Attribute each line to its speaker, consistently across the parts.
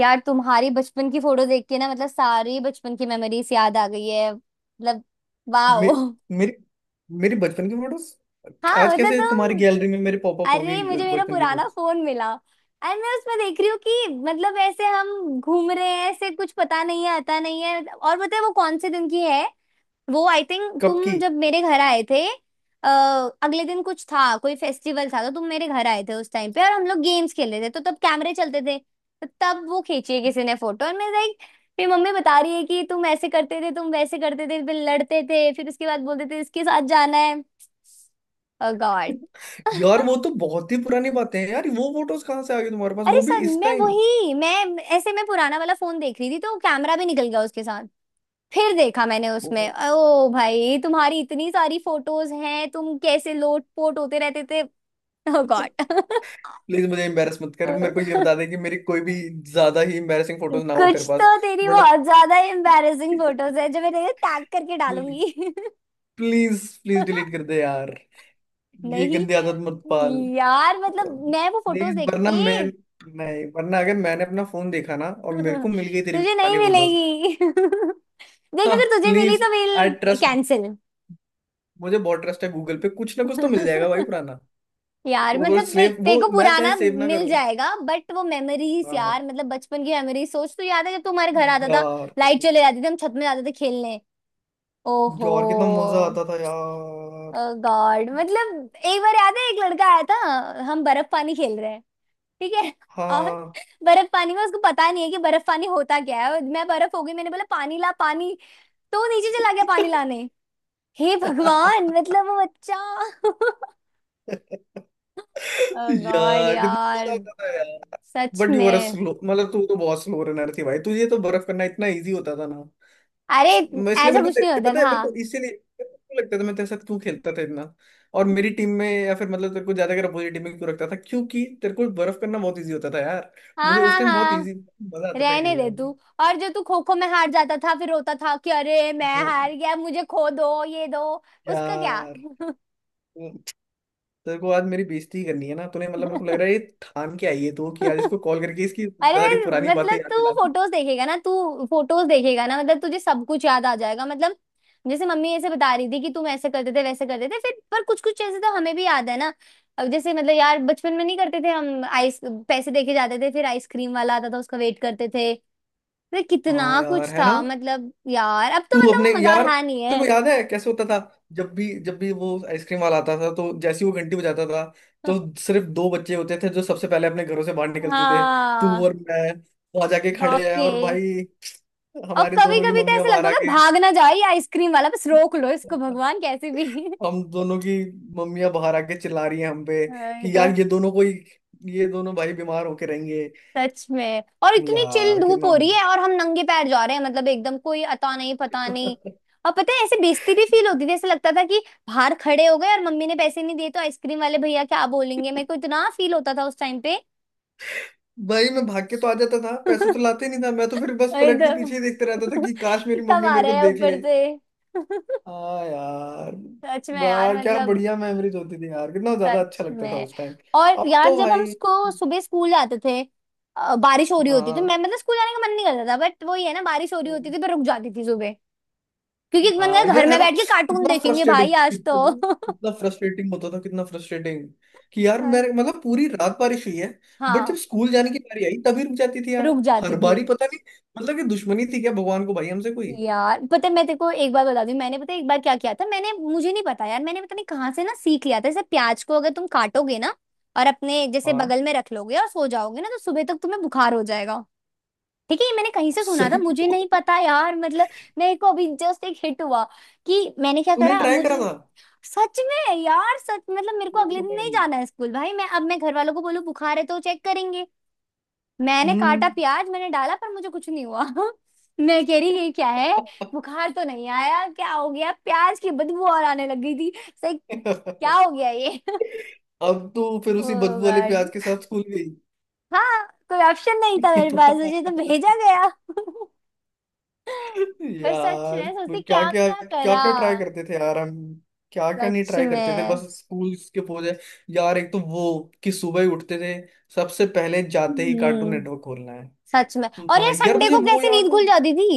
Speaker 1: यार तुम्हारी बचपन की फोटो देख के ना, मतलब सारी बचपन की मेमोरीज याद आ गई है मतलब।
Speaker 2: मे,
Speaker 1: वाओ।
Speaker 2: मेरी मेरी बचपन की फोटोज
Speaker 1: हाँ
Speaker 2: आज
Speaker 1: मतलब
Speaker 2: कैसे तुम्हारी
Speaker 1: तुम।
Speaker 2: गैलरी में मेरे पॉपअप हो गई?
Speaker 1: अरे मुझे मेरा
Speaker 2: बचपन की
Speaker 1: पुराना
Speaker 2: फोटोज
Speaker 1: फोन मिला। एंड मैं उसमें देख रही हूँ कि मतलब ऐसे हम घूम रहे हैं, ऐसे कुछ पता नहीं है, आता नहीं है। और पता है वो कौन से दिन की है? वो आई थिंक
Speaker 2: कब
Speaker 1: तुम
Speaker 2: की?
Speaker 1: जब मेरे घर आए थे। अ, अगले दिन कुछ था, कोई फेस्टिवल था, तो तुम मेरे घर आए थे उस टाइम पे और हम लोग गेम्स खेल रहे थे, तो तब कैमरे चलते थे, तो तब वो खींची है किसी ने फोटो। और मैं लाइक, मेरी मम्मी बता रही है कि तुम ऐसे करते थे, तुम वैसे करते थे, फिर लड़ते थे, फिर उसके बाद बोलते थे इसके साथ जाना है। ओ गॉड।
Speaker 2: यार वो तो बहुत ही पुरानी बातें हैं यार, वो फोटोज कहाँ से आ गई तुम्हारे पास
Speaker 1: अरे
Speaker 2: वो भी
Speaker 1: सर
Speaker 2: इस
Speaker 1: मैं
Speaker 2: टाइम?
Speaker 1: वही मैं ऐसे मैं पुराना वाला फोन देख रही थी तो कैमरा भी निकल गया उसके साथ। फिर देखा मैंने उसमें,
Speaker 2: वो
Speaker 1: ओ भाई तुम्हारी इतनी सारी फोटोज हैं, तुम कैसे लोट पोट होते रहते थे। ओ गॉड।
Speaker 2: प्लीज मुझे एम्बेरस मत कर। मेरे को ये बता दे कि मेरी कोई भी ज्यादा ही एम्बेरसिंग फोटोज ना हो तेरे
Speaker 1: कुछ
Speaker 2: पास,
Speaker 1: तो तेरी
Speaker 2: वरना
Speaker 1: बहुत ज्यादा एम्बैरेसिंग फोटोज है, जो मैं तेरे टैग करके डालूंगी।
Speaker 2: प्लीज प्लीज डिलीट कर दे यार। ये
Speaker 1: नहीं।
Speaker 2: गंदी आदत मत पाल।
Speaker 1: यार मतलब मैं वो फोटोज
Speaker 2: प्लीज
Speaker 1: देख
Speaker 2: वरना मैं,
Speaker 1: के
Speaker 2: नहीं वरना अगर मैंने अपना फोन देखा ना और मेरे को मिल गई तेरी
Speaker 1: तुझे नहीं
Speaker 2: पुरानी फोटोज।
Speaker 1: मिलेगी। देख,
Speaker 2: हाँ
Speaker 1: अगर तुझे मिली
Speaker 2: प्लीज,
Speaker 1: तो
Speaker 2: आई
Speaker 1: मिल।
Speaker 2: Trust,
Speaker 1: cancel.
Speaker 2: मुझे बहुत ट्रस्ट है गूगल पे, कुछ ना कुछ तो मिल जाएगा भाई पुराना।
Speaker 1: यार
Speaker 2: वो
Speaker 1: मतलब देख,
Speaker 2: सेव
Speaker 1: तेरे
Speaker 2: वो
Speaker 1: को
Speaker 2: मैं चाहे
Speaker 1: पुराना
Speaker 2: सेव ना
Speaker 1: मिल
Speaker 2: करूं।
Speaker 1: जाएगा, बट वो मेमोरीज,
Speaker 2: हाँ
Speaker 1: यार मतलब बचपन की मेमोरीज सोच। तो याद है जब तू हमारे घर आता था,
Speaker 2: यार।
Speaker 1: लाइट चले जाती थी, हम छत में जाते थे खेलने। ओहो
Speaker 2: यार कितना मजा आता था यार।
Speaker 1: गॉड। मतलब एक बार याद है एक लड़का आया था, हम बर्फ पानी खेल रहे हैं, ठीक है? और
Speaker 2: हाँ
Speaker 1: बर्फ पानी में उसको पता नहीं है कि बर्फ पानी होता क्या है, और मैं बर्फ हो गई, मैंने बोला पानी ला पानी। तो वो नीचे चला गया पानी लाने। हे भगवान, मतलब वो बच्चा। गॉड
Speaker 2: यार कितना मजा
Speaker 1: यार।
Speaker 2: आता था यार।
Speaker 1: सच
Speaker 2: बट यू आर
Speaker 1: में।
Speaker 2: स्लो, मतलब तू तो बहुत स्लो रनर थी भाई, तुझे तो बर्फ करना इतना इजी होता था।
Speaker 1: अरे
Speaker 2: मैं इसलिए
Speaker 1: ऐसा
Speaker 2: मेरे को
Speaker 1: कुछ
Speaker 2: ते-
Speaker 1: नहीं होता
Speaker 2: इतना है,
Speaker 1: था।
Speaker 2: मेरे को इसीलिए मेरे को क्यों लगता था मैं तेरे साथ क्यों खेलता था इतना। और मेरी टीम में या फिर मतलब तेरे को ज्यादा अगर अपोजिट टीम में क्यों रखता था, क्योंकि तेरे को बर्फ करना बहुत इजी होता था यार।
Speaker 1: हाँ
Speaker 2: मुझे उस
Speaker 1: हाँ
Speaker 2: टाइम बहुत
Speaker 1: हाँ।
Speaker 2: इजी मजा आता था
Speaker 1: रहने दे
Speaker 2: खेलने
Speaker 1: तू।
Speaker 2: में।
Speaker 1: और जो तू खो खो में हार जाता था फिर रोता था कि अरे मैं
Speaker 2: वो
Speaker 1: हार गया, मुझे खो दो ये दो। उसका क्या?
Speaker 2: यार वो- तेरे को आज मेरी बेइज्जती करनी है ना, तूने मतलब मेरे को लग रहा है ये ठान के आई है तू कि आज इसको कॉल करके इसकी
Speaker 1: अरे
Speaker 2: सारी पुरानी बातें
Speaker 1: मतलब
Speaker 2: याद
Speaker 1: तू
Speaker 2: दिला दूं।
Speaker 1: फोटोज देखेगा ना, तू फोटोज देखेगा ना, मतलब तुझे सब कुछ याद आ जाएगा मतलब। जैसे मम्मी ऐसे बता रही थी कि तुम ऐसे करते थे वैसे करते थे, फिर पर कुछ कुछ चीजें तो हमें भी याद है ना। अब जैसे मतलब यार बचपन में नहीं करते थे हम आइस पैसे देके जाते थे, फिर आइसक्रीम वाला आता था, उसका वेट करते थे। अरे
Speaker 2: हाँ
Speaker 1: कितना
Speaker 2: यार
Speaker 1: कुछ
Speaker 2: है
Speaker 1: था
Speaker 2: ना।
Speaker 1: मतलब यार। अब तो
Speaker 2: तू अपने
Speaker 1: मतलब वो मजा
Speaker 2: यार
Speaker 1: रहा नहीं
Speaker 2: तेरे
Speaker 1: है।
Speaker 2: को याद है कैसे होता था? जब भी वो आइसक्रीम वाला आता था तो जैसे ही वो घंटी बजाता था, तो सिर्फ दो बच्चे होते थे जो सबसे पहले अपने घरों से बाहर निकलते थे, तू
Speaker 1: हाँ।
Speaker 2: और मैं। वहां जाके खड़े हैं
Speaker 1: बाके
Speaker 2: और भाई,
Speaker 1: और
Speaker 2: हमारे
Speaker 1: कभी
Speaker 2: दोनों की
Speaker 1: कभी तो
Speaker 2: मम्मियां
Speaker 1: ऐसे
Speaker 2: बाहर
Speaker 1: लगता था
Speaker 2: आके
Speaker 1: भाग ना जाए ये आइसक्रीम वाला, बस रोक लो इसको भगवान कैसे भी।
Speaker 2: हम दोनों की मम्मियां बाहर आके चिल्ला रही हैं हम पे
Speaker 1: ये
Speaker 2: कि
Speaker 1: तो
Speaker 2: यार ये दोनों भाई बीमार होके रहेंगे।
Speaker 1: सच में। और इतनी चिल
Speaker 2: यार
Speaker 1: धूप
Speaker 2: कितना
Speaker 1: हो रही है और हम नंगे पैर जा रहे हैं, मतलब एकदम, कोई अता नहीं पता नहीं। और पता है ऐसे बेइज्जती भी फील होती थी, ऐसे लगता था कि बाहर खड़े हो गए और मम्मी ने पैसे नहीं दिए तो आइसक्रीम वाले भैया क्या बोलेंगे। मेरे को इतना फील होता था उस टाइम पे।
Speaker 2: भाई मैं भाग के तो आ जाता था, पैसे तो लाते नहीं था, मैं तो फिर बस
Speaker 1: वही
Speaker 2: पलट के पीछे ही देखते
Speaker 1: तो।
Speaker 2: रहता था कि काश मेरी
Speaker 1: कब
Speaker 2: मम्मी
Speaker 1: आ
Speaker 2: मेरे
Speaker 1: रहा
Speaker 2: को
Speaker 1: है
Speaker 2: देख
Speaker 1: ऊपर
Speaker 2: ले।
Speaker 1: से।
Speaker 2: हाँ यार।
Speaker 1: सच में यार
Speaker 2: वाह क्या
Speaker 1: मतलब।
Speaker 2: बढ़िया मेमोरीज होती थी यार, कितना ज्यादा अच्छा
Speaker 1: सच
Speaker 2: लगता था
Speaker 1: में।
Speaker 2: उस टाइम।
Speaker 1: और
Speaker 2: अब
Speaker 1: यार
Speaker 2: तो
Speaker 1: जब हम
Speaker 2: भाई।
Speaker 1: सुबह स्कूल जाते थे, बारिश हो रही होती, तो
Speaker 2: हाँ।
Speaker 1: मैं मतलब स्कूल जाने का मन नहीं करता था। बट वही है ना, बारिश हो रही होती थी पर रुक जाती थी सुबह। क्योंकि मन
Speaker 2: हाँ
Speaker 1: कर घर
Speaker 2: यार है
Speaker 1: में
Speaker 2: ना।
Speaker 1: बैठ के कार्टून
Speaker 2: कितना
Speaker 1: देखेंगे
Speaker 2: फ्रस्ट्रेटिंग,
Speaker 1: भाई आज
Speaker 2: कितना
Speaker 1: तो।
Speaker 2: कितना फ्रस्ट्रेटिंग होता था, कितना फ्रस्ट्रेटिंग कि यार
Speaker 1: पर
Speaker 2: मेरे मतलब पूरी रात बारिश हुई है। बट जब
Speaker 1: हाँ
Speaker 2: स्कूल जाने की बारी आई तभी रुक जाती थी यार।
Speaker 1: रुक
Speaker 2: हर
Speaker 1: जाती थी।
Speaker 2: बारी पता नहीं, मतलब कि दुश्मनी थी क्या भगवान को भाई हमसे कोई?
Speaker 1: यार पता है मैं तेरे को एक बार बता दूं, मैंने पता है एक बार क्या किया था, मैंने, मुझे नहीं पता यार, मैंने पता नहीं कहाँ से ना सीख लिया था जैसे प्याज को अगर तुम काटोगे ना और अपने जैसे
Speaker 2: हाँ
Speaker 1: बगल में रख लोगे और सो जाओगे ना तो सुबह तक तुम्हें बुखार हो जाएगा। ठीक है? ये मैंने कहीं से सुना था,
Speaker 2: सही
Speaker 1: मुझे नहीं पता यार मतलब। मेरे को अभी जस्ट एक हिट हुआ कि मैंने क्या
Speaker 2: तूने
Speaker 1: करा अब
Speaker 2: ट्राई करा
Speaker 1: मुझे।
Speaker 2: था?
Speaker 1: सच में यार सच मतलब मेरे को अगले
Speaker 2: वो
Speaker 1: दिन नहीं
Speaker 2: भाई।
Speaker 1: जाना है स्कूल भाई, मैं अब मैं घर वालों को बोलूं बुखार है तो चेक करेंगे। मैंने
Speaker 2: हम्म।
Speaker 1: काटा प्याज, मैंने डाला, पर मुझे कुछ नहीं हुआ। मैं कह रही ये क्या है, बुखार तो नहीं आया, क्या हो गया? प्याज की बदबू और आने लग गई थी। सही। क्या हो गया ये?
Speaker 2: अब तो फिर
Speaker 1: ओ
Speaker 2: उसी बदबू वाले प्याज
Speaker 1: गॉड।
Speaker 2: के साथ स्कूल गई।
Speaker 1: हाँ, कोई ऑप्शन नहीं था मेरे पास, मुझे तो भेजा गया। पर सच
Speaker 2: यार,
Speaker 1: में सोचती
Speaker 2: तो क्या
Speaker 1: क्या
Speaker 2: क्या
Speaker 1: क्या
Speaker 2: क्या
Speaker 1: करा।
Speaker 2: क्या ट्राई करते थे यार हम? क्या क्या नहीं
Speaker 1: सच
Speaker 2: ट्राई करते थे, बस
Speaker 1: में।
Speaker 2: स्कूल के पोजे। यार एक तो वो कि सुबह ही उठते थे, सबसे पहले जाते ही कार्टून
Speaker 1: हम्म।
Speaker 2: नेटवर्क खोलना है।
Speaker 1: सच में। और यार
Speaker 2: भाई यार
Speaker 1: संडे
Speaker 2: तुझे
Speaker 1: को
Speaker 2: वो
Speaker 1: कैसे नींद
Speaker 2: याद है?
Speaker 1: खुल जाती थी।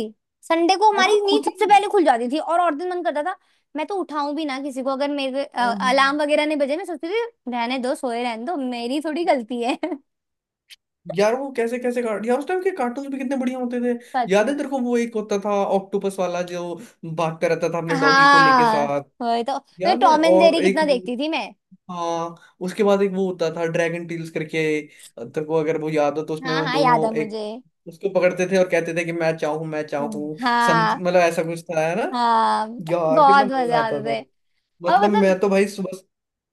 Speaker 1: संडे को
Speaker 2: है ना,
Speaker 1: हमारी नींद
Speaker 2: खुद
Speaker 1: सबसे पहले खुल जाती थी, और दिन मन करता था। मैं तो उठाऊं भी ना किसी को, अगर मेरे
Speaker 2: ही।
Speaker 1: अलार्म वगैरह नहीं बजे मैं सोचती थी रहने दो सोए, रहने दो, मेरी थोड़ी गलती है।
Speaker 2: यार वो कैसे कैसे कार्ट यार उस टाइम के कार्टून भी कितने बढ़िया होते थे।
Speaker 1: सच
Speaker 2: याद है
Speaker 1: में।
Speaker 2: तेरे को वो एक होता था ऑक्टोपस वाला, जो भागता रहता था अपने डॉगी को लेके
Speaker 1: हाँ
Speaker 2: साथ?
Speaker 1: वही तो। मैं
Speaker 2: याद है,
Speaker 1: टॉम एंड जेरी कितना देखती थी मैं।
Speaker 2: हाँ उसके बाद एक वो होता था ड्रैगन टील्स करके। तेरे को अगर वो याद हो, तो उसमें
Speaker 1: हाँ
Speaker 2: वो
Speaker 1: हाँ,
Speaker 2: दोनों
Speaker 1: याद है
Speaker 2: एक
Speaker 1: मुझे।
Speaker 2: उसको पकड़ते थे और कहते थे कि मैं चाहूं मैं
Speaker 1: हम्म।
Speaker 2: चाहूं। सम
Speaker 1: हाँ।
Speaker 2: मतलब ऐसा कुछ था है ना।
Speaker 1: हाँ
Speaker 2: यार कितना
Speaker 1: बहुत
Speaker 2: मजा
Speaker 1: मजा
Speaker 2: आता
Speaker 1: आते
Speaker 2: था।
Speaker 1: थे। और
Speaker 2: मतलब
Speaker 1: मतलब
Speaker 2: मैं तो भाई सुबह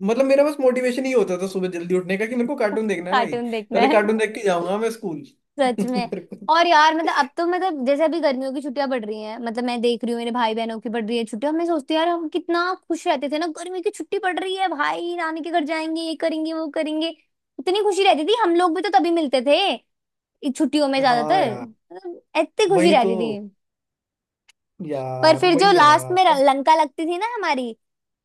Speaker 2: मतलब मेरा बस मोटिवेशन ही होता था सुबह जल्दी उठने का, कि मेरे को कार्टून देखना है भाई।
Speaker 1: कार्टून देखना
Speaker 2: पहले
Speaker 1: है।
Speaker 2: कार्टून देख के जाऊंगा मैं स्कूल।
Speaker 1: सच में।
Speaker 2: मेरे को-
Speaker 1: और यार मतलब अब तो मतलब जैसे अभी गर्मियों की छुट्टियां पड़ रही हैं, मतलब मैं देख रही हूँ मेरे भाई बहनों की पड़ रही है छुट्टियां, मैं सोचती हूँ यार हम कितना खुश रहते थे ना, गर्मी की छुट्टी पड़ रही है भाई, नानी के घर जाएंगे ये करेंगे वो करेंगे। इतनी खुशी रहती थी, हम लोग भी तो तभी मिलते थे इन छुट्टियों में
Speaker 2: हाँ
Speaker 1: ज्यादातर,
Speaker 2: यार
Speaker 1: मतलब इतनी खुशी
Speaker 2: वही तो।
Speaker 1: रहती थी। पर
Speaker 2: यार
Speaker 1: फिर
Speaker 2: वही
Speaker 1: जो
Speaker 2: है ना।
Speaker 1: लास्ट में
Speaker 2: अब
Speaker 1: लंका लगती थी ना हमारी,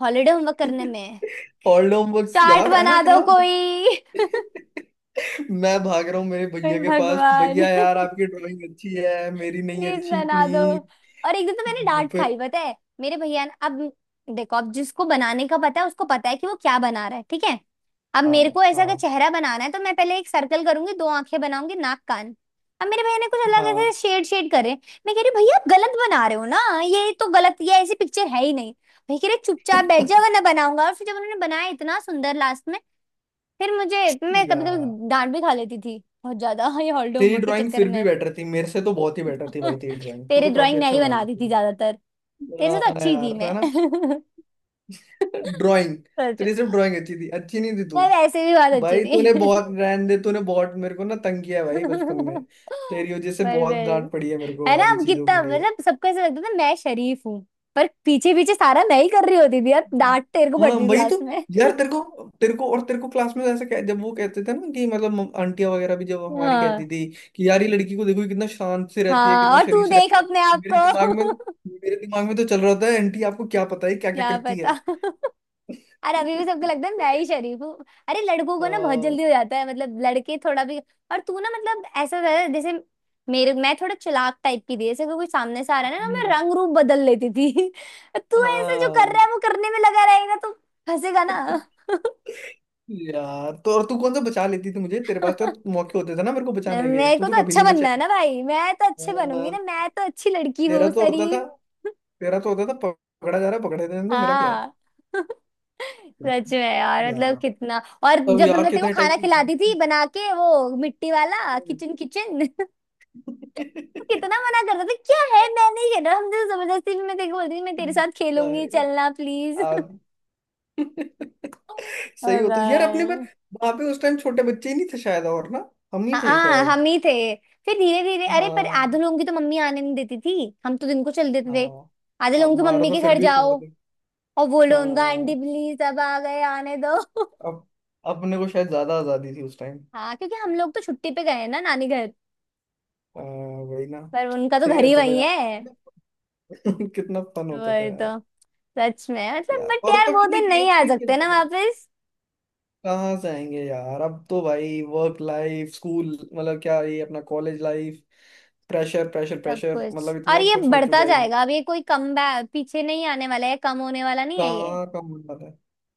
Speaker 1: हॉलीडे होमवर्क करने में।
Speaker 2: ओल्ड होमवर्क
Speaker 1: चाट
Speaker 2: यार है ना
Speaker 1: बना दो
Speaker 2: कितना।
Speaker 1: कोई।
Speaker 2: मैं भाग रहा हूँ मेरे
Speaker 1: हे
Speaker 2: भैया के पास,
Speaker 1: भगवान।
Speaker 2: भैया यार आपकी ड्राइंग अच्छी है, मेरी नहीं
Speaker 1: प्लीज
Speaker 2: अच्छी,
Speaker 1: बना दो।
Speaker 2: प्लीज।
Speaker 1: और एक दिन तो मैंने डांट
Speaker 2: फिर।
Speaker 1: खाई पता है मेरे भैया ने। अब देखो, अब जिसको बनाने का पता है उसको पता है कि वो क्या बना रहा है, ठीक है? अब
Speaker 2: हाँ
Speaker 1: मेरे को ऐसा अगर
Speaker 2: हाँ
Speaker 1: चेहरा बनाना है तो मैं पहले एक सर्कल करूंगी, दो आंखें बनाऊंगी, नाक कान। अब मेरे भैया ने कुछ अलग
Speaker 2: हाँ।
Speaker 1: ऐसे शेड शेड करे। मैं कह रही भैया आप गलत बना रहे हो ना, ये तो गलत, ये ऐसी पिक्चर है ही नहीं। भैया कह रहे चुपचाप बैठ जा वरना बनाऊंगा। और फिर जब उन्होंने बनाया इतना सुंदर लास्ट में, फिर मुझे, मैं कभी
Speaker 2: यार
Speaker 1: कभी डांट भी खा लेती थी बहुत ज्यादा। हाँ, ये हॉलीडे
Speaker 2: तेरी
Speaker 1: होमवर्क के
Speaker 2: ड्राइंग
Speaker 1: चक्कर
Speaker 2: फिर भी
Speaker 1: में।
Speaker 2: बेटर थी, मेरे से तो बहुत ही बेटर थी भाई, तेरी ड्राइंग तू
Speaker 1: तेरे
Speaker 2: तो काफी
Speaker 1: ड्राइंग मैं
Speaker 2: अच्छा
Speaker 1: ही
Speaker 2: बना
Speaker 1: बनाती
Speaker 2: लेती
Speaker 1: थी
Speaker 2: थी।
Speaker 1: ज्यादातर। तेरे से तो
Speaker 2: हाँ
Speaker 1: अच्छी थी
Speaker 2: यार है ना।
Speaker 1: मैं।
Speaker 2: ड्राइंग
Speaker 1: सच।
Speaker 2: तेरी सिर्फ ड्राइंग अच्छी थी, अच्छी नहीं थी तू।
Speaker 1: पर ऐसे भी बहुत अच्छी
Speaker 2: भाई तूने
Speaker 1: थी।
Speaker 2: बहुत, रहने दे, तूने बहुत मेरे को ना तंग किया है भाई बचपन में।
Speaker 1: पर
Speaker 2: तेरी वजह से
Speaker 1: वेल
Speaker 2: बहुत डांट पड़ी है मेरे को
Speaker 1: है ना,
Speaker 2: आधी
Speaker 1: हम
Speaker 2: चीजों के
Speaker 1: कितना
Speaker 2: लिए।
Speaker 1: मतलब सबको ऐसा लगता था मैं शरीफ हूँ, पर पीछे पीछे सारा मैं ही कर रही होती थी यार, डांट तेरे को
Speaker 2: हाँ
Speaker 1: पड़ती थी
Speaker 2: वही तो।
Speaker 1: क्लास में।
Speaker 2: यार तेरे को क्लास में ऐसा जब वो कहते थे ना कि मतलब आंटियां वगैरह भी जब हमारी
Speaker 1: हाँ
Speaker 2: कहती थी कि यार ये लड़की को देखो, ये कितना शांत से रहती है,
Speaker 1: हाँ,
Speaker 2: कितना
Speaker 1: और तू
Speaker 2: शरीफ से
Speaker 1: देख
Speaker 2: रहती है।
Speaker 1: अपने आप
Speaker 2: मेरे दिमाग में तो,
Speaker 1: को।
Speaker 2: मेरे दिमाग में तो चल रहा था आंटी आपको क्या पता है क्या क्या
Speaker 1: क्या
Speaker 2: करती
Speaker 1: पता।
Speaker 2: है।
Speaker 1: अरे अभी भी सबको लगता है मैं ही शरीफ हूँ। अरे लड़कों को ना बहुत
Speaker 2: अ,
Speaker 1: जल्दी हो जाता है मतलब लड़के थोड़ा भी। और तू ना मतलब ऐसा था जैसे, मेरे, मैं थोड़ा चालाक टाइप की थी, जैसे कोई सामने से आ रहा है ना, ना, मैं
Speaker 2: हम्म।
Speaker 1: रंग रूप बदल लेती थी। तू ऐसे जो
Speaker 2: हाँ
Speaker 1: कर रहा है वो करने में लगा रहेगा तो फंसेगा ना।
Speaker 2: यार, तो और तू कौन सा बचा लेती थी मुझे, तेरे पास तो मौके होते थे ना मेरे को बचाने के,
Speaker 1: मेरे
Speaker 2: तू
Speaker 1: को
Speaker 2: तो
Speaker 1: तो
Speaker 2: कभी
Speaker 1: अच्छा
Speaker 2: नहीं
Speaker 1: बनना है
Speaker 2: बचाई।
Speaker 1: ना भाई, मैं तो अच्छे बनूंगी
Speaker 2: हाँ,
Speaker 1: ना, मैं तो अच्छी लड़की
Speaker 2: तेरा
Speaker 1: हूँ
Speaker 2: तो होता था
Speaker 1: शरीफ।
Speaker 2: तेरा तो होता था पकड़ा जा रहा, पकड़े देने, तो मेरा क्या है?
Speaker 1: हाँ। सच में यार
Speaker 2: यार
Speaker 1: मतलब कितना। और
Speaker 2: तब
Speaker 1: जब
Speaker 2: यार
Speaker 1: हमने तेरे को
Speaker 2: कितने टाइप
Speaker 1: खाना
Speaker 2: की गेम
Speaker 1: खिलाती थी
Speaker 2: थी।
Speaker 1: बना के वो मिट्टी वाला किचन किचन। वो कितना मना करता था, क्या है मैं नहीं खेल रहा, हम तो जबरदस्ती भी मैं तेरे को बोलती थी मैं तेरे
Speaker 2: हम्म।
Speaker 1: साथ खेलूंगी
Speaker 2: भाई,
Speaker 1: चलना प्लीज।
Speaker 2: आप सही होता
Speaker 1: अरे।
Speaker 2: था। यार अपने पर वहां पे उस टाइम छोटे बच्चे ही नहीं थे शायद, और ना हम ही थे
Speaker 1: हाँ
Speaker 2: शायद।
Speaker 1: हम ही थे। फिर धीरे धीरे, अरे पर
Speaker 2: हाँ
Speaker 1: आधे लोगों की तो मम्मी आने नहीं देती थी। हम तो दिन को चल देते थे।
Speaker 2: हाँ।
Speaker 1: आधे
Speaker 2: अब
Speaker 1: लोगों की
Speaker 2: हमारा
Speaker 1: मम्मी
Speaker 2: तो
Speaker 1: के
Speaker 2: फिर
Speaker 1: घर
Speaker 2: भी
Speaker 1: जाओ
Speaker 2: तोड़।
Speaker 1: और बोलो उनका आंटी
Speaker 2: हाँ
Speaker 1: प्लीज सब आ गए आने दो।
Speaker 2: अब अपने को शायद ज्यादा आजादी थी उस टाइम।
Speaker 1: हाँ क्योंकि हम लोग तो छुट्टी पे गए हैं ना नानी घर,
Speaker 2: वही ना।
Speaker 1: पर उनका तो
Speaker 2: सही
Speaker 1: घर ही
Speaker 2: रहता था
Speaker 1: वही
Speaker 2: यार,
Speaker 1: है।
Speaker 2: कितना कितना फन होता था
Speaker 1: वही
Speaker 2: यार।
Speaker 1: तो। सच में मतलब,
Speaker 2: यार
Speaker 1: बट
Speaker 2: और
Speaker 1: यार
Speaker 2: तब
Speaker 1: वो
Speaker 2: कितने
Speaker 1: दिन नहीं
Speaker 2: गेम्स
Speaker 1: आ
Speaker 2: भी
Speaker 1: सकते
Speaker 2: खेलते
Speaker 1: ना
Speaker 2: थे ना।
Speaker 1: वापस।
Speaker 2: कहाँ से आएंगे यार, अब तो भाई वर्क लाइफ स्कूल मतलब क्या, ये अपना कॉलेज लाइफ, प्रेशर प्रेशर
Speaker 1: सब
Speaker 2: प्रेशर,
Speaker 1: कुछ
Speaker 2: मतलब
Speaker 1: और
Speaker 2: इतना
Speaker 1: ये
Speaker 2: कुछ हो
Speaker 1: बढ़ता
Speaker 2: चुका है कि
Speaker 1: जाएगा, अब ये कोई कम बैक पीछे नहीं आने वाला है, कम होने वाला नहीं है ये।
Speaker 2: कहाँ कम हो पाता है।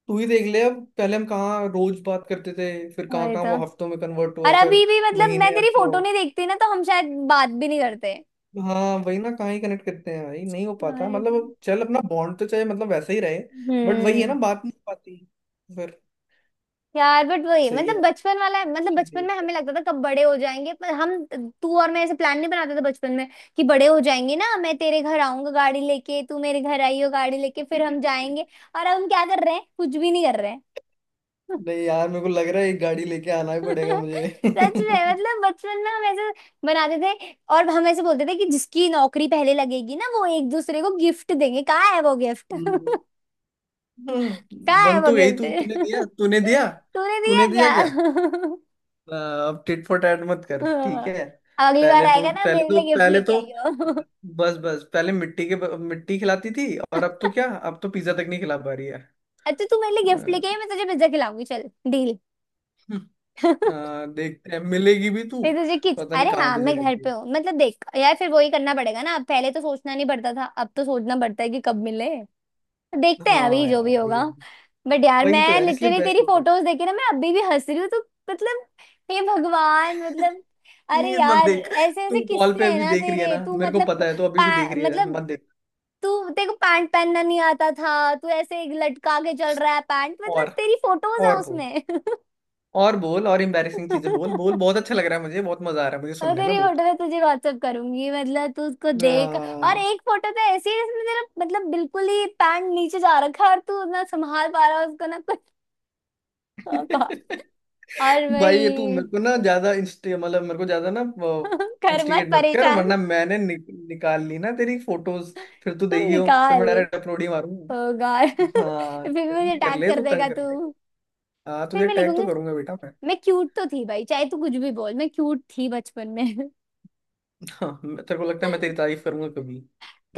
Speaker 2: तू ही देख ले, अब पहले हम कहाँ रोज बात करते थे, फिर कहाँ
Speaker 1: वही
Speaker 2: कहाँ
Speaker 1: तो।
Speaker 2: वो हफ्तों में कन्वर्ट
Speaker 1: और
Speaker 2: हुआ, फिर
Speaker 1: अभी भी मतलब मैं
Speaker 2: महीने अब
Speaker 1: तेरी
Speaker 2: तो।
Speaker 1: फोटो नहीं देखती ना तो हम शायद बात भी नहीं करते।
Speaker 2: हाँ वही ना, कहाँ ही कनेक्ट करते हैं भाई, नहीं हो पाता
Speaker 1: वही
Speaker 2: मतलब,
Speaker 1: तो।
Speaker 2: अब चल अपना बॉन्ड तो चाहे मतलब वैसा ही रहे। बट वही है ना,
Speaker 1: हम्म।
Speaker 2: बात नहीं हो पाती फिर।
Speaker 1: यार बट वही
Speaker 2: सही है,
Speaker 1: मतलब बचपन वाला है, मतलब
Speaker 2: अच्छी
Speaker 1: बचपन में
Speaker 2: देख
Speaker 1: हमें
Speaker 2: यार।
Speaker 1: लगता था कब बड़े हो जाएंगे, पर हम, तू और मैं ऐसे प्लान नहीं बनाते थे बचपन में कि बड़े हो जाएंगे ना, मैं तेरे घर आऊंगा गाड़ी लेके, तू मेरे घर आई हो गाड़ी लेके, फिर हम जाएंगे। और अब हम क्या कर रहे हैं, कुछ भी नहीं कर रहे हैं।
Speaker 2: नहीं यार, मेरे को लग रहा है एक गाड़ी लेके आना ही पड़ेगा मुझे
Speaker 1: सच में,
Speaker 2: हम्म।
Speaker 1: मतलब बचपन में हम ऐसे बनाते थे। और हम ऐसे बोलते थे कि जिसकी नौकरी पहले लगेगी ना वो एक दूसरे को गिफ्ट देंगे, कहाँ है वो गिफ्ट? कहाँ है
Speaker 2: बन
Speaker 1: वो
Speaker 2: तो गई
Speaker 1: गिफ्ट?
Speaker 2: तू, तूने दिया तूने दिया,
Speaker 1: तूने दिया
Speaker 2: तूने दिया
Speaker 1: क्या?
Speaker 2: क्या? आ, अब टिट फॉर टैट मत कर, ठीक
Speaker 1: हाँ, अब
Speaker 2: है।
Speaker 1: अगली बार
Speaker 2: पहले तो
Speaker 1: आएगा ना
Speaker 2: पहले
Speaker 1: मेरे
Speaker 2: तो
Speaker 1: लिए गिफ्ट
Speaker 2: पहले
Speaker 1: लेके
Speaker 2: तो
Speaker 1: आइयो।
Speaker 2: बस बस पहले मिट्टी के मिट्टी खिलाती थी और अब तो क्या, अब तो पिज्जा तक नहीं खिला पा रही है
Speaker 1: अच्छा तू मेरे लिए गिफ्ट लेके आई, मैं तुझे पिज्जा खिलाऊंगी। चल, डील।
Speaker 2: देखते हैं मिलेगी भी तू।
Speaker 1: मैं तुझे किच
Speaker 2: पता नहीं
Speaker 1: अरे
Speaker 2: कहाँ
Speaker 1: हाँ,
Speaker 2: बिजी
Speaker 1: मैं घर
Speaker 2: रहती
Speaker 1: पे
Speaker 2: है।
Speaker 1: हूँ। मतलब देख यार, फिर वही करना पड़ेगा ना। अब पहले तो सोचना नहीं पड़ता था, अब तो सोचना पड़ता है कि कब मिले। देखते हैं
Speaker 2: हाँ
Speaker 1: अभी जो भी
Speaker 2: यार वही
Speaker 1: होगा।
Speaker 2: है।
Speaker 1: बट यार,
Speaker 2: वही तो
Speaker 1: मैं
Speaker 2: यार, इसलिए
Speaker 1: लिटरली
Speaker 2: बेस्ट
Speaker 1: तेरी
Speaker 2: होता है।
Speaker 1: फोटोज देखे ना मैं अभी भी हंस रही हूँ, तो मतलब हे भगवान मतलब। अरे
Speaker 2: प्लीज मत
Speaker 1: यार,
Speaker 2: देख।
Speaker 1: ऐसे ऐसे
Speaker 2: तू कॉल
Speaker 1: किस्से
Speaker 2: पे
Speaker 1: हैं
Speaker 2: अभी
Speaker 1: ना
Speaker 2: देख रही है
Speaker 1: तेरे,
Speaker 2: ना,
Speaker 1: तू
Speaker 2: मेरे को
Speaker 1: मतलब
Speaker 2: पता है तू अभी भी देख
Speaker 1: पा,
Speaker 2: रही है,
Speaker 1: मतलब
Speaker 2: मत देख।
Speaker 1: तू तेरे को पैंट पहनना नहीं आता था, तू ऐसे लटका के चल रहा है पैंट। मतलब
Speaker 2: और
Speaker 1: तेरी फोटोज है
Speaker 2: और बोल,
Speaker 1: उसमें।
Speaker 2: और बोल और एम्बैरेसिंग चीजें बोल बोल, बहुत अच्छा लग रहा है मुझे, बहुत मजा आ रहा है मुझे
Speaker 1: और
Speaker 2: सुनने में,
Speaker 1: तेरी
Speaker 2: बोल।
Speaker 1: फोटो मैं तुझे व्हाट्सअप करूंगी, मतलब तू उसको देख। और
Speaker 2: आ,
Speaker 1: एक फोटो तो ऐसी है जिसमें तेरा मतलब बिल्कुल ही पैंट नीचे जा रखा है और तू ना संभाल पा रहा है उसको ना। ओ गॉड। और
Speaker 2: भाई ये तू
Speaker 1: वही।
Speaker 2: मेरे को ना ज्यादा इंस्टी मतलब मेरे को ज्यादा ना
Speaker 1: कर मत
Speaker 2: इंस्टिगेट मत कर,
Speaker 1: परेशान।
Speaker 2: वरना मैंने निकाल ली ना तेरी फोटोज, फिर तू
Speaker 1: तू
Speaker 2: देगी हो, फिर मैं
Speaker 1: निकाल।
Speaker 2: डायरेक्ट अपलोड ही
Speaker 1: ओ
Speaker 2: मारूंगा।
Speaker 1: गॉड।
Speaker 2: हाँ
Speaker 1: फिर भी
Speaker 2: कर
Speaker 1: मुझे
Speaker 2: ले कर
Speaker 1: टैग
Speaker 2: ले,
Speaker 1: कर
Speaker 2: तू तंग
Speaker 1: देगा
Speaker 2: कर
Speaker 1: तू।
Speaker 2: ले। हाँ
Speaker 1: फिर
Speaker 2: तुझे
Speaker 1: मैं
Speaker 2: टैग तो
Speaker 1: लिखूंगी,
Speaker 2: करूंगा बेटा मैं।
Speaker 1: मैं क्यूट तो थी भाई, चाहे तू कुछ भी बोल। मैं क्यूट थी बचपन में।
Speaker 2: हाँ तेरे को लगता है मैं तेरी तारीफ करूंगा कभी?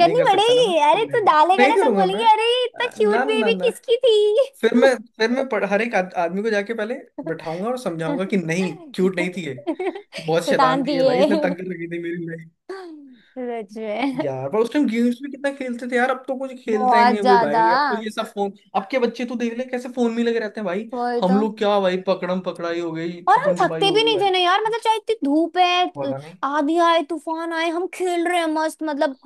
Speaker 2: नहीं कर सकता ना, मैं
Speaker 1: पड़ेगी।
Speaker 2: तो
Speaker 1: अरे, तू
Speaker 2: नहीं
Speaker 1: डालेगा
Speaker 2: नहीं
Speaker 1: ना सब
Speaker 2: करूंगा मैं।
Speaker 1: बोलेंगे अरे ये इतना क्यूट
Speaker 2: ना ना
Speaker 1: बेबी
Speaker 2: ना,
Speaker 1: किसकी थी।
Speaker 2: फिर मैं हर एक आदमी को जाके पहले बैठाऊंगा और समझाऊंगा कि नहीं क्यूट नहीं थी ये। बहुत शैतान
Speaker 1: शैतान थी
Speaker 2: थी ये भाई, इसने
Speaker 1: ये।
Speaker 2: तंग लगी थी मेरी भाई।
Speaker 1: सच में।
Speaker 2: यार पर उस टाइम गेम्स भी कितना खेलते थे यार, अब तो कुछ खेलता ही
Speaker 1: बहुत
Speaker 2: नहीं है कोई
Speaker 1: ज्यादा।
Speaker 2: भाई, अब तो ये सब फोन, अब के बच्चे तो देख ले कैसे फोन में लगे रहते हैं भाई।
Speaker 1: वही
Speaker 2: हम
Speaker 1: तो।
Speaker 2: लोग क्या भाई, पकड़म पकड़ाई हो गई,
Speaker 1: और हम
Speaker 2: छुपन छुपाई
Speaker 1: थकते भी
Speaker 2: होगी
Speaker 1: नहीं
Speaker 2: भाई।
Speaker 1: थे ना यार, मतलब चाहे इतनी धूप है,
Speaker 2: पता नहीं
Speaker 1: आंधी आए तूफान आए हम खेल रहे हैं मस्त। मतलब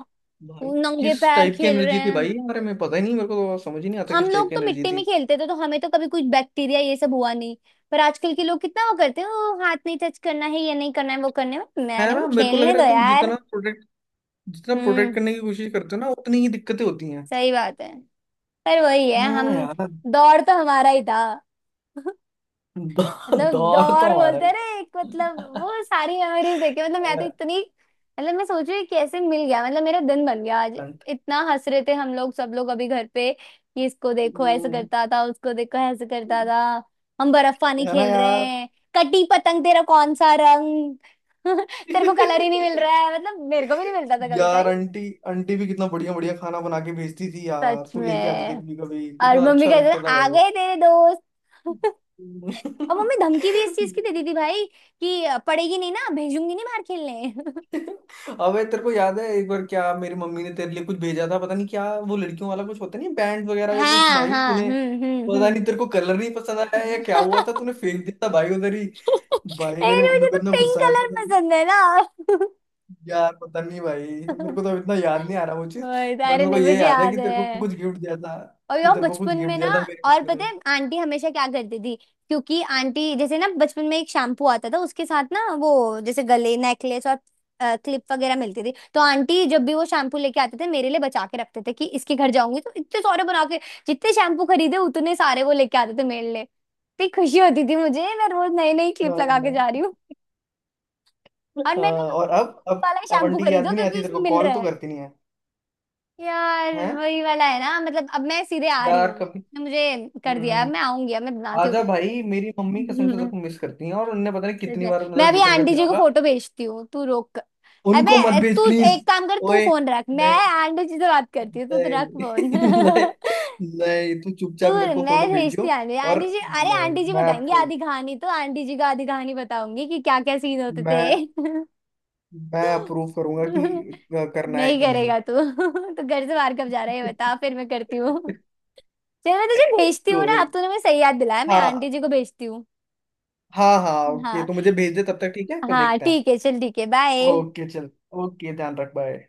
Speaker 2: भाई
Speaker 1: नंगे
Speaker 2: किस
Speaker 1: पैर
Speaker 2: टाइप की
Speaker 1: खेल रहे
Speaker 2: एनर्जी थी
Speaker 1: हैं।
Speaker 2: भाई हमारे में, पता ही नहीं, मेरे को तो समझ ही नहीं आता
Speaker 1: हम
Speaker 2: किस टाइप
Speaker 1: लोग
Speaker 2: की
Speaker 1: तो
Speaker 2: एनर्जी
Speaker 1: मिट्टी
Speaker 2: थी।
Speaker 1: में खेलते थे, तो हमें तो कभी कुछ बैक्टीरिया ये सब हुआ नहीं। पर आजकल के लोग कितना वो करते हैं "ओ, हाथ नहीं टच करना है, ये नहीं करना है, वो करने में"।
Speaker 2: है
Speaker 1: मैंने
Speaker 2: ना,
Speaker 1: बोला
Speaker 2: मेरे को लग
Speaker 1: खेलने
Speaker 2: रहा
Speaker 1: दो
Speaker 2: है तुम
Speaker 1: यार।
Speaker 2: जितना प्रोटेक्ट, जितना प्रोटेक्ट
Speaker 1: हम्म।
Speaker 2: करने की कोशिश करते हो ना, उतनी ही दिक्कतें होती हैं।
Speaker 1: सही बात है। पर वही है, हम
Speaker 2: हाँ यार।
Speaker 1: दौड़ तो हमारा ही था। मतलब
Speaker 2: दौर तो
Speaker 1: दौर
Speaker 2: हमारा
Speaker 1: बोलते
Speaker 2: ही
Speaker 1: हैं ना
Speaker 2: था।
Speaker 1: एक, मतलब वो सारी मेमोरीज देखे, मतलब मैं तो
Speaker 2: अ,
Speaker 1: इतनी मतलब मैं सोच रही हूँ कैसे मिल गया। मतलब मेरा दिन बन गया आज।
Speaker 2: अंट-
Speaker 1: इतना हंस रहे थे हम लोग, सब लोग अभी घर पे, कि इसको देखो ऐसे
Speaker 2: हम्म।
Speaker 1: करता था, उसको देखो ऐसे करता था। हम बर्फ पानी
Speaker 2: है ना
Speaker 1: खेल रहे
Speaker 2: यार।
Speaker 1: हैं, कटी पतंग तेरा कौन सा रंग। तेरे को कलर ही नहीं मिल रहा है, मतलब मेरे को भी नहीं मिलता था कभी
Speaker 2: यार
Speaker 1: कभी।
Speaker 2: आंटी, आंटी भी कितना बढ़िया बढ़िया खाना बना के भेजती थी यार,
Speaker 1: सच
Speaker 2: तू लेके आती थी
Speaker 1: में।
Speaker 2: कभी कभी,
Speaker 1: और
Speaker 2: कितना
Speaker 1: मम्मी
Speaker 2: अच्छा
Speaker 1: कहते
Speaker 2: लगता
Speaker 1: थे
Speaker 2: था
Speaker 1: आ
Speaker 2: भाई।
Speaker 1: गए तेरे दोस्त। और मम्मी धमकी भी इस चीज की देती थी भाई, कि पड़ेगी नहीं ना, भेजूंगी नहीं बाहर खेलने।
Speaker 2: अबे तेरे को याद है एक बार क्या मेरी मम्मी ने तेरे लिए कुछ भेजा था, पता नहीं क्या, वो लड़कियों वाला कुछ होता नहीं, बैंड वगैरह या कुछ,
Speaker 1: हाँ
Speaker 2: भाई
Speaker 1: हाँ,
Speaker 2: तूने, पता नहीं
Speaker 1: हम्म।
Speaker 2: तेरे को कलर नहीं पसंद आया या क्या हुआ था, तूने फेंक दिया था भाई उधर ही। भाई
Speaker 1: लेकिन
Speaker 2: मेरी मम्मी
Speaker 1: मुझे
Speaker 2: को
Speaker 1: तो
Speaker 2: इतना
Speaker 1: पिंक
Speaker 2: गुस्सा आया था
Speaker 1: कलर
Speaker 2: भाई।
Speaker 1: पसंद है ना।
Speaker 2: यार पता नहीं भाई, मेरे को तो अब इतना याद नहीं आ रहा वो चीज,
Speaker 1: वही तो।
Speaker 2: बट
Speaker 1: अरे
Speaker 2: मेरे को
Speaker 1: नहीं,
Speaker 2: ये
Speaker 1: मुझे
Speaker 2: याद है कि
Speaker 1: याद
Speaker 2: तेरे को
Speaker 1: है।
Speaker 2: कुछ गिफ्ट दिया था,
Speaker 1: और
Speaker 2: कि
Speaker 1: यार
Speaker 2: तेरे को कुछ
Speaker 1: बचपन
Speaker 2: गिफ्ट
Speaker 1: में ना,
Speaker 2: दिया था मेरी
Speaker 1: और
Speaker 2: मम्मी ने।
Speaker 1: पता है आंटी हमेशा क्या करती थी, क्योंकि आंटी जैसे ना बचपन में एक शैम्पू आता था, उसके साथ ना वो जैसे गले नेकलेस और क्लिप वगैरह मिलती थी। तो आंटी जब भी वो शैम्पू लेके आते थे मेरे लिए बचा के रखते थे कि इसके घर जाऊंगी तो इतने सारे बना के, जितने शैम्पू खरीदे उतने सारे वो लेके आते थे मेरे लिए। इतनी खुशी होती थी मुझे, मैं रोज नई नई क्लिप
Speaker 2: हाँ
Speaker 1: लगा के जा रही हूँ। और
Speaker 2: हाँ,
Speaker 1: मैं ना
Speaker 2: और
Speaker 1: मम्मी से बोलती,
Speaker 2: अब अब
Speaker 1: वाला
Speaker 2: अब
Speaker 1: शैम्पू
Speaker 2: आंटी की याद
Speaker 1: खरीदो
Speaker 2: भी नहीं
Speaker 1: क्योंकि
Speaker 2: आती, तेरे
Speaker 1: उसमें
Speaker 2: को
Speaker 1: मिल
Speaker 2: कॉल
Speaker 1: रहा
Speaker 2: तो
Speaker 1: है।
Speaker 2: करती नहीं है।
Speaker 1: यार
Speaker 2: हैं
Speaker 1: वही वाला है ना। मतलब अब मैं सीधे आ रही
Speaker 2: यार
Speaker 1: हूँ,
Speaker 2: कभी।
Speaker 1: ने मुझे कर दिया, अब
Speaker 2: हम्म।
Speaker 1: मैं आऊंगी, अब मैं बनाती हूँ।
Speaker 2: आजा भाई, मेरी मम्मी कसम से तेरे
Speaker 1: हम्म।
Speaker 2: को मिस करती हैं, और उनने पता नहीं
Speaker 1: सच
Speaker 2: कितनी
Speaker 1: में।
Speaker 2: बार
Speaker 1: मैं
Speaker 2: मतलब
Speaker 1: अभी
Speaker 2: जिक्र कर
Speaker 1: आंटी
Speaker 2: लिया
Speaker 1: जी को
Speaker 2: होगा।
Speaker 1: फोटो भेजती हूँ, तू रोक कर।
Speaker 2: उनको मत
Speaker 1: अबे
Speaker 2: भेज
Speaker 1: तू
Speaker 2: प्लीज।
Speaker 1: एक काम कर, तू
Speaker 2: ओए,
Speaker 1: फोन रख, मैं
Speaker 2: नहीं
Speaker 1: आंटी जी से बात करती हूँ। तू तो
Speaker 2: नहीं
Speaker 1: रख
Speaker 2: नहीं,
Speaker 1: फोन।
Speaker 2: नहीं तू
Speaker 1: तू,
Speaker 2: चुपचाप मेरे को फोटो
Speaker 1: मैं भेजती
Speaker 2: भेजियो
Speaker 1: हूँ। आंटी,
Speaker 2: और।
Speaker 1: आंटी जी, अरे
Speaker 2: नहीं
Speaker 1: आंटी जी
Speaker 2: मैं
Speaker 1: बताएंगी
Speaker 2: अप्रूव,
Speaker 1: आधी कहानी, तो आंटी जी का आधी कहानी बताऊंगी कि क्या क्या सीन होते थे।
Speaker 2: मैं मैं अप्रूव करूंगा कि करना है
Speaker 1: नहीं
Speaker 2: कि नहीं।
Speaker 1: करेगा तू। तो घर से बाहर कब जा रहा है ये बता, फिर मैं करती हूँ। चल मैं तुझे भेजती हूँ ना,
Speaker 2: कोई,
Speaker 1: अब तूने मुझे सही याद दिलाया, मैं
Speaker 2: हाँ
Speaker 1: आंटी जी को भेजती हूँ।
Speaker 2: हाँ हाँ ओके,
Speaker 1: हाँ।
Speaker 2: तो मुझे भेज दे तब तक, ठीक है, फिर
Speaker 1: हाँ
Speaker 2: देखते हैं।
Speaker 1: ठीक है, चल ठीक है, बाय।
Speaker 2: ओके चल, ओके ध्यान रख, बाय।